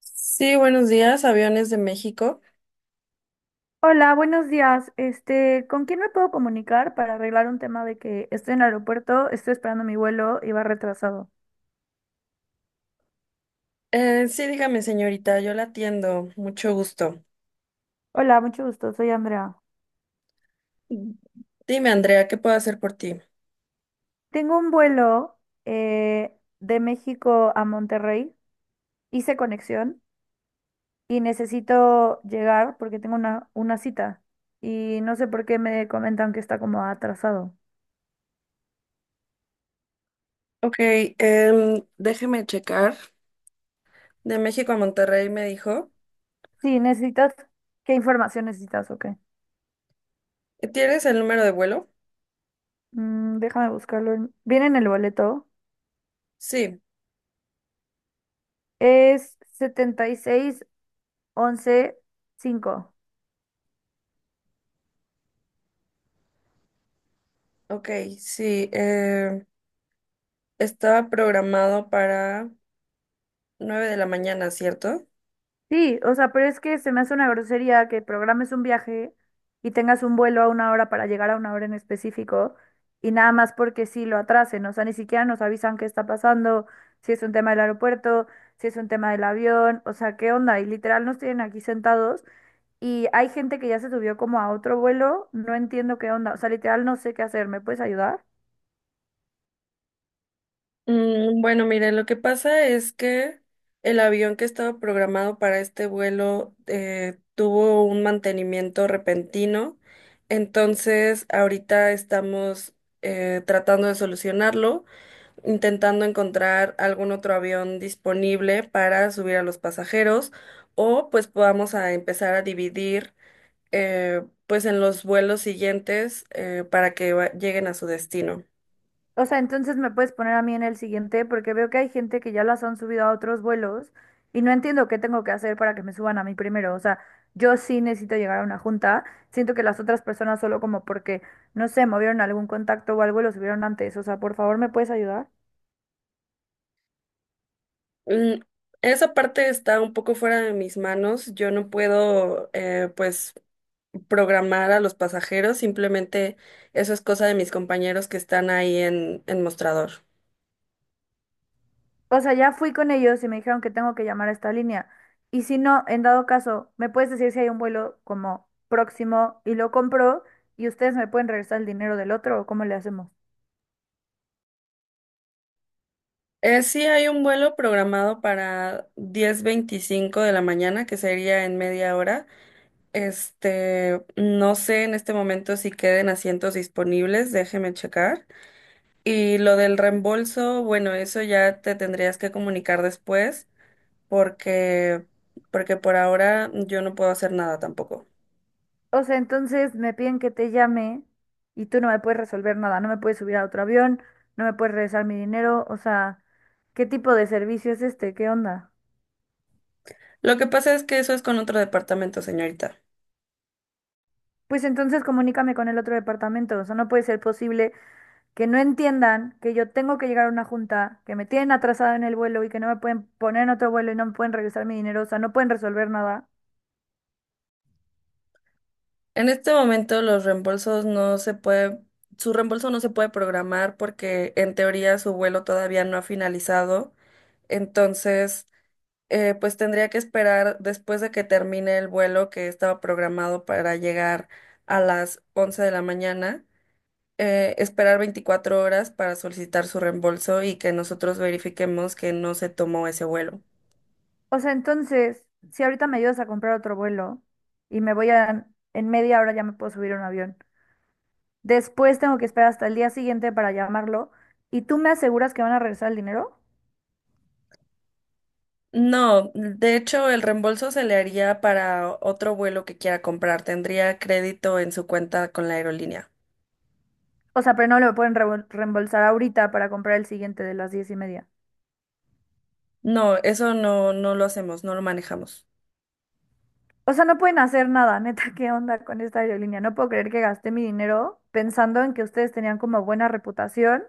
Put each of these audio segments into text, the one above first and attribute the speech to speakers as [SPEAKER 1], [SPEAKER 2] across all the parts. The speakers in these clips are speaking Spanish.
[SPEAKER 1] Sí, buenos días, Aviones de México.
[SPEAKER 2] Hola, buenos días. ¿Con quién me puedo comunicar para arreglar un tema de que estoy en el aeropuerto, estoy esperando mi vuelo y va retrasado?
[SPEAKER 1] Sí, dígame, señorita, yo la atiendo, mucho gusto.
[SPEAKER 2] Hola, mucho gusto, soy Andrea.
[SPEAKER 1] Dime, Andrea, ¿qué puedo hacer por ti?
[SPEAKER 2] Tengo un vuelo de México a Monterrey, hice conexión y necesito llegar porque tengo una cita y no sé por qué me comentan que está como atrasado.
[SPEAKER 1] Ok, déjeme checar. De México a Monterrey me dijo.
[SPEAKER 2] Sí, necesitas, ¿qué información necesitas o qué?
[SPEAKER 1] ¿Tienes el número de vuelo?
[SPEAKER 2] Mm, déjame buscarlo. Viene en el boleto.
[SPEAKER 1] Sí,
[SPEAKER 2] Es 11, 5.
[SPEAKER 1] ok, sí. Estaba programado para 9 de la mañana, ¿cierto?
[SPEAKER 2] Sí, o sea, pero es que se me hace una grosería que programes un viaje y tengas un vuelo a una hora para llegar a una hora en específico y nada más porque sí lo atrasen, o sea, ni siquiera nos avisan qué está pasando, si es un tema del aeropuerto, si es un tema del avión, o sea, ¿qué onda? Y literal nos tienen aquí sentados y hay gente que ya se subió como a otro vuelo, no entiendo qué onda, o sea, literal no sé qué hacer, ¿me puedes ayudar?
[SPEAKER 1] Bueno, mire, lo que pasa es que el avión que estaba programado para este vuelo tuvo un mantenimiento repentino, entonces ahorita estamos tratando de solucionarlo, intentando encontrar algún otro avión disponible para subir a los pasajeros o pues podamos a empezar a dividir, pues en los vuelos siguientes para que lleguen a su destino.
[SPEAKER 2] O sea, entonces me puedes poner a mí en el siguiente porque veo que hay gente que ya las han subido a otros vuelos y no entiendo qué tengo que hacer para que me suban a mí primero. O sea, yo sí necesito llegar a una junta. Siento que las otras personas solo como porque, no sé, movieron algún contacto o algo y lo subieron antes. O sea, por favor, ¿me puedes ayudar?
[SPEAKER 1] Mm, Esa parte está un poco fuera de mis manos. Yo no puedo, pues, programar a los pasajeros. Simplemente eso es cosa de mis compañeros que están ahí en mostrador.
[SPEAKER 2] O sea, ya fui con ellos y me dijeron que tengo que llamar a esta línea. Y si no, en dado caso, ¿me puedes decir si hay un vuelo como próximo y lo compro y ustedes me pueden regresar el dinero del otro o cómo le hacemos?
[SPEAKER 1] Sí hay un vuelo programado para 10:25 de la mañana, que sería en media hora. Este, no sé en este momento si queden asientos disponibles, déjeme checar. Y lo del reembolso, bueno, eso ya te tendrías que comunicar después, porque, porque por ahora yo no puedo hacer nada tampoco.
[SPEAKER 2] O sea, entonces me piden que te llame y tú no me puedes resolver nada, no me puedes subir a otro avión, no me puedes regresar mi dinero, o sea, ¿qué tipo de servicio es este? ¿Qué onda?
[SPEAKER 1] Lo que pasa es que eso es con otro departamento, señorita.
[SPEAKER 2] Pues entonces comunícame con el otro departamento, o sea, no puede ser posible que no entiendan que yo tengo que llegar a una junta, que me tienen atrasada en el vuelo y que no me pueden poner en otro vuelo y no me pueden regresar mi dinero, o sea, no pueden resolver nada.
[SPEAKER 1] En este momento los reembolsos no se puede, su reembolso no se puede programar porque en teoría su vuelo todavía no ha finalizado. Entonces, pues tendría que esperar después de que termine el vuelo que estaba programado para llegar a las 11 de la mañana. Esperar 24 horas para solicitar su reembolso y que nosotros verifiquemos que no se tomó ese vuelo.
[SPEAKER 2] O sea, entonces, si ahorita me ayudas a comprar otro vuelo y me voy a, en media hora ya me puedo subir a un avión. Después tengo que esperar hasta el día siguiente para llamarlo. ¿Y tú me aseguras que van a regresar el dinero?
[SPEAKER 1] No, de hecho, el reembolso se le haría para otro vuelo que quiera comprar. Tendría crédito en su cuenta con la aerolínea.
[SPEAKER 2] O sea, pero no lo pueden reembolsar ahorita para comprar el siguiente de las 10:30.
[SPEAKER 1] No, eso no, no lo hacemos, no lo manejamos.
[SPEAKER 2] O sea, no pueden hacer nada, neta, ¿qué onda con esta aerolínea? No puedo creer que gasté mi dinero pensando en que ustedes tenían como buena reputación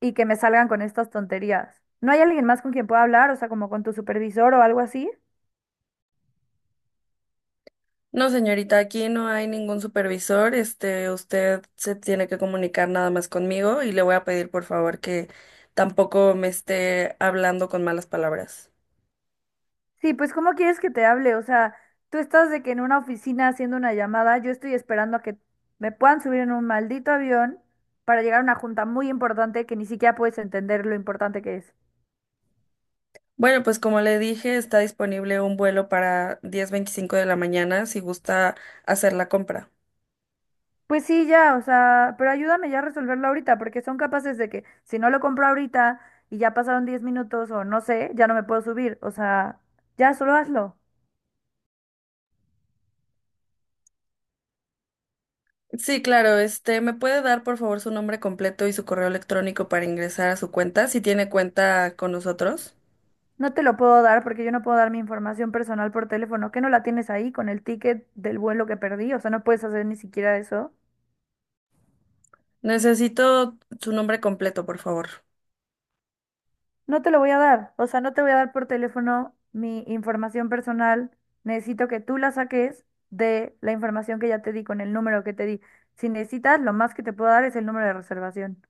[SPEAKER 2] y que me salgan con estas tonterías. ¿No hay alguien más con quien pueda hablar? O sea, como con tu supervisor o algo así.
[SPEAKER 1] No, señorita, aquí no hay ningún supervisor. Este, usted se tiene que comunicar nada más conmigo y le voy a pedir, por favor, que tampoco me esté hablando con malas palabras.
[SPEAKER 2] Sí, pues ¿cómo quieres que te hable? O sea, tú estás de que en una oficina haciendo una llamada, yo estoy esperando a que me puedan subir en un maldito avión para llegar a una junta muy importante que ni siquiera puedes entender lo importante que es.
[SPEAKER 1] Bueno, pues como le dije, está disponible un vuelo para 10:25 de la mañana si gusta hacer la compra.
[SPEAKER 2] Pues sí, ya, o sea, pero ayúdame ya a resolverlo ahorita, porque son capaces de que si no lo compro ahorita y ya pasaron 10 minutos o no sé, ya no me puedo subir. O sea, ya solo hazlo.
[SPEAKER 1] Sí, claro, este, ¿me puede dar por favor su nombre completo y su correo electrónico para ingresar a su cuenta, si tiene cuenta con nosotros?
[SPEAKER 2] No te lo puedo dar porque yo no puedo dar mi información personal por teléfono. ¿Qué no la tienes ahí con el ticket del vuelo que perdí? O sea, no puedes hacer ni siquiera eso.
[SPEAKER 1] Necesito su nombre completo, por favor.
[SPEAKER 2] No te lo voy a dar, o sea, no te voy a dar por teléfono mi información personal. Necesito que tú la saques de la información que ya te di con el número que te di. Si necesitas, lo más que te puedo dar es el número de reservación.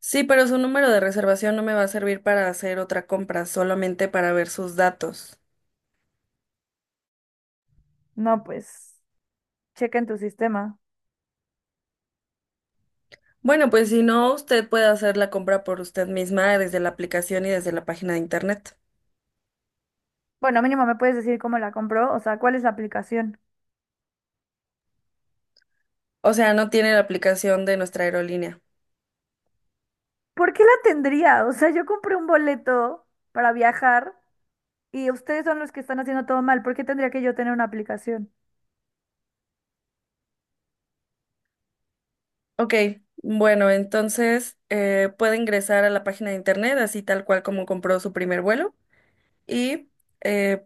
[SPEAKER 1] Sí, pero su número de reservación no me va a servir para hacer otra compra, solamente para ver sus datos.
[SPEAKER 2] No, pues, checa en tu sistema.
[SPEAKER 1] Bueno, pues si no, usted puede hacer la compra por usted misma desde la aplicación y desde la página de internet.
[SPEAKER 2] Bueno, mínimo me puedes decir cómo la compró, o sea, cuál es la aplicación.
[SPEAKER 1] O sea, no tiene la aplicación de nuestra aerolínea.
[SPEAKER 2] ¿Por qué la tendría? O sea, yo compré un boleto para viajar y ustedes son los que están haciendo todo mal. ¿Por qué tendría que yo tener una aplicación?
[SPEAKER 1] Ok, bueno, entonces puede ingresar a la página de internet, así tal cual como compró su primer vuelo, y eh,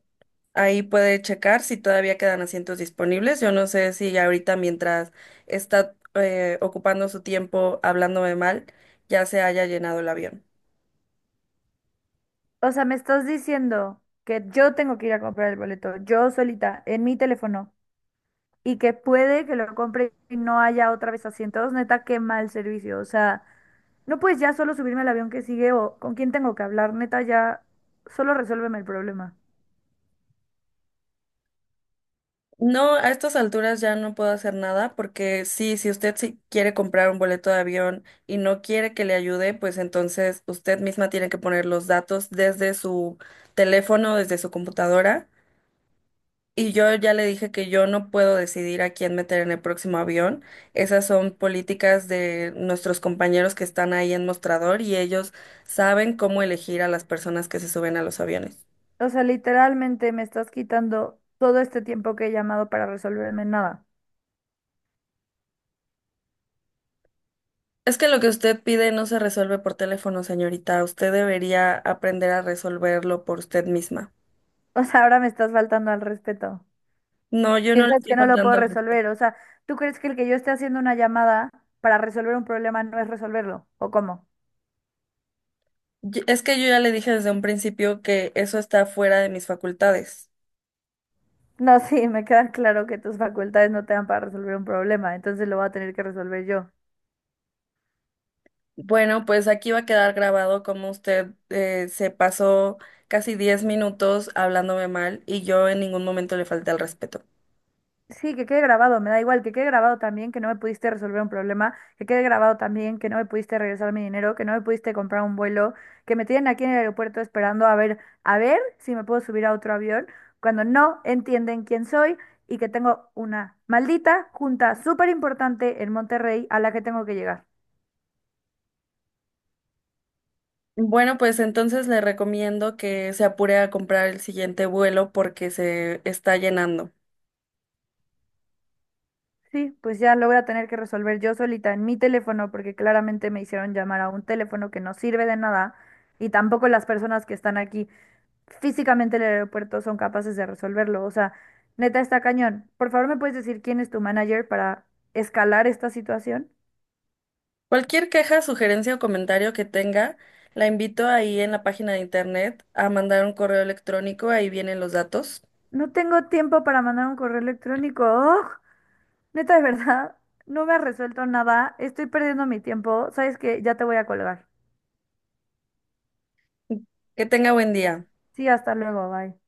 [SPEAKER 1] ahí puede checar si todavía quedan asientos disponibles. Yo no sé si ahorita mientras está ocupando su tiempo hablándome mal, ya se haya llenado el avión.
[SPEAKER 2] O sea, me estás diciendo que yo tengo que ir a comprar el boleto, yo solita, en mi teléfono, y que puede que lo compre y no haya otra vez asientos. Neta, qué mal servicio. O sea, no puedes ya solo subirme al avión que sigue o con quién tengo que hablar. Neta, ya solo resuélveme el problema.
[SPEAKER 1] No, a estas alturas ya no puedo hacer nada porque sí, si usted sí quiere comprar un boleto de avión y no quiere que le ayude, pues entonces usted misma tiene que poner los datos desde su teléfono, desde su computadora. Y yo ya le dije que yo no puedo decidir a quién meter en el próximo avión. Esas son políticas de nuestros compañeros que están ahí en mostrador y ellos saben cómo elegir a las personas que se suben a los aviones.
[SPEAKER 2] O sea, literalmente me estás quitando todo este tiempo que he llamado para resolverme nada.
[SPEAKER 1] Es que lo que usted pide no se resuelve por teléfono, señorita. Usted debería aprender a resolverlo por usted misma.
[SPEAKER 2] O sea, ahora me estás faltando al respeto.
[SPEAKER 1] No, yo no le
[SPEAKER 2] Piensas
[SPEAKER 1] estoy
[SPEAKER 2] que no lo puedo
[SPEAKER 1] faltando al respeto.
[SPEAKER 2] resolver. O sea, ¿tú crees que el que yo esté haciendo una llamada para resolver un problema no es resolverlo? ¿O cómo?
[SPEAKER 1] Es que yo ya le dije desde un principio que eso está fuera de mis facultades.
[SPEAKER 2] No, sí, me queda claro que tus facultades no te dan para resolver un problema, entonces lo voy a tener que resolver yo.
[SPEAKER 1] Bueno, pues aquí va a quedar grabado cómo usted se pasó casi 10 minutos hablándome mal y yo en ningún momento le falté al respeto.
[SPEAKER 2] Sí, que quede grabado, me da igual, que quede grabado también que no me pudiste resolver un problema, que quede grabado también que no me pudiste regresar mi dinero, que no me pudiste comprar un vuelo, que me tienen aquí en el aeropuerto esperando a ver si me puedo subir a otro avión, cuando no entienden quién soy y que tengo una maldita junta súper importante en Monterrey a la que tengo que llegar.
[SPEAKER 1] Bueno, pues entonces le recomiendo que se apure a comprar el siguiente vuelo porque se está llenando.
[SPEAKER 2] Sí, pues ya lo voy a tener que resolver yo solita en mi teléfono porque claramente me hicieron llamar a un teléfono que no sirve de nada y tampoco las personas que están aquí físicamente en el aeropuerto son capaces de resolverlo. O sea, neta está cañón. Por favor, ¿me puedes decir quién es tu manager para escalar esta situación?
[SPEAKER 1] Cualquier queja, sugerencia o comentario que tenga, la invito ahí en la página de internet a mandar un correo electrónico, ahí vienen los datos.
[SPEAKER 2] No tengo tiempo para mandar un correo electrónico. ¡Ugh! Neta, de verdad, no me has resuelto nada. Estoy perdiendo mi tiempo. ¿Sabes que Ya te voy a colgar.
[SPEAKER 1] Que tenga buen día.
[SPEAKER 2] Sí, hasta luego, bye.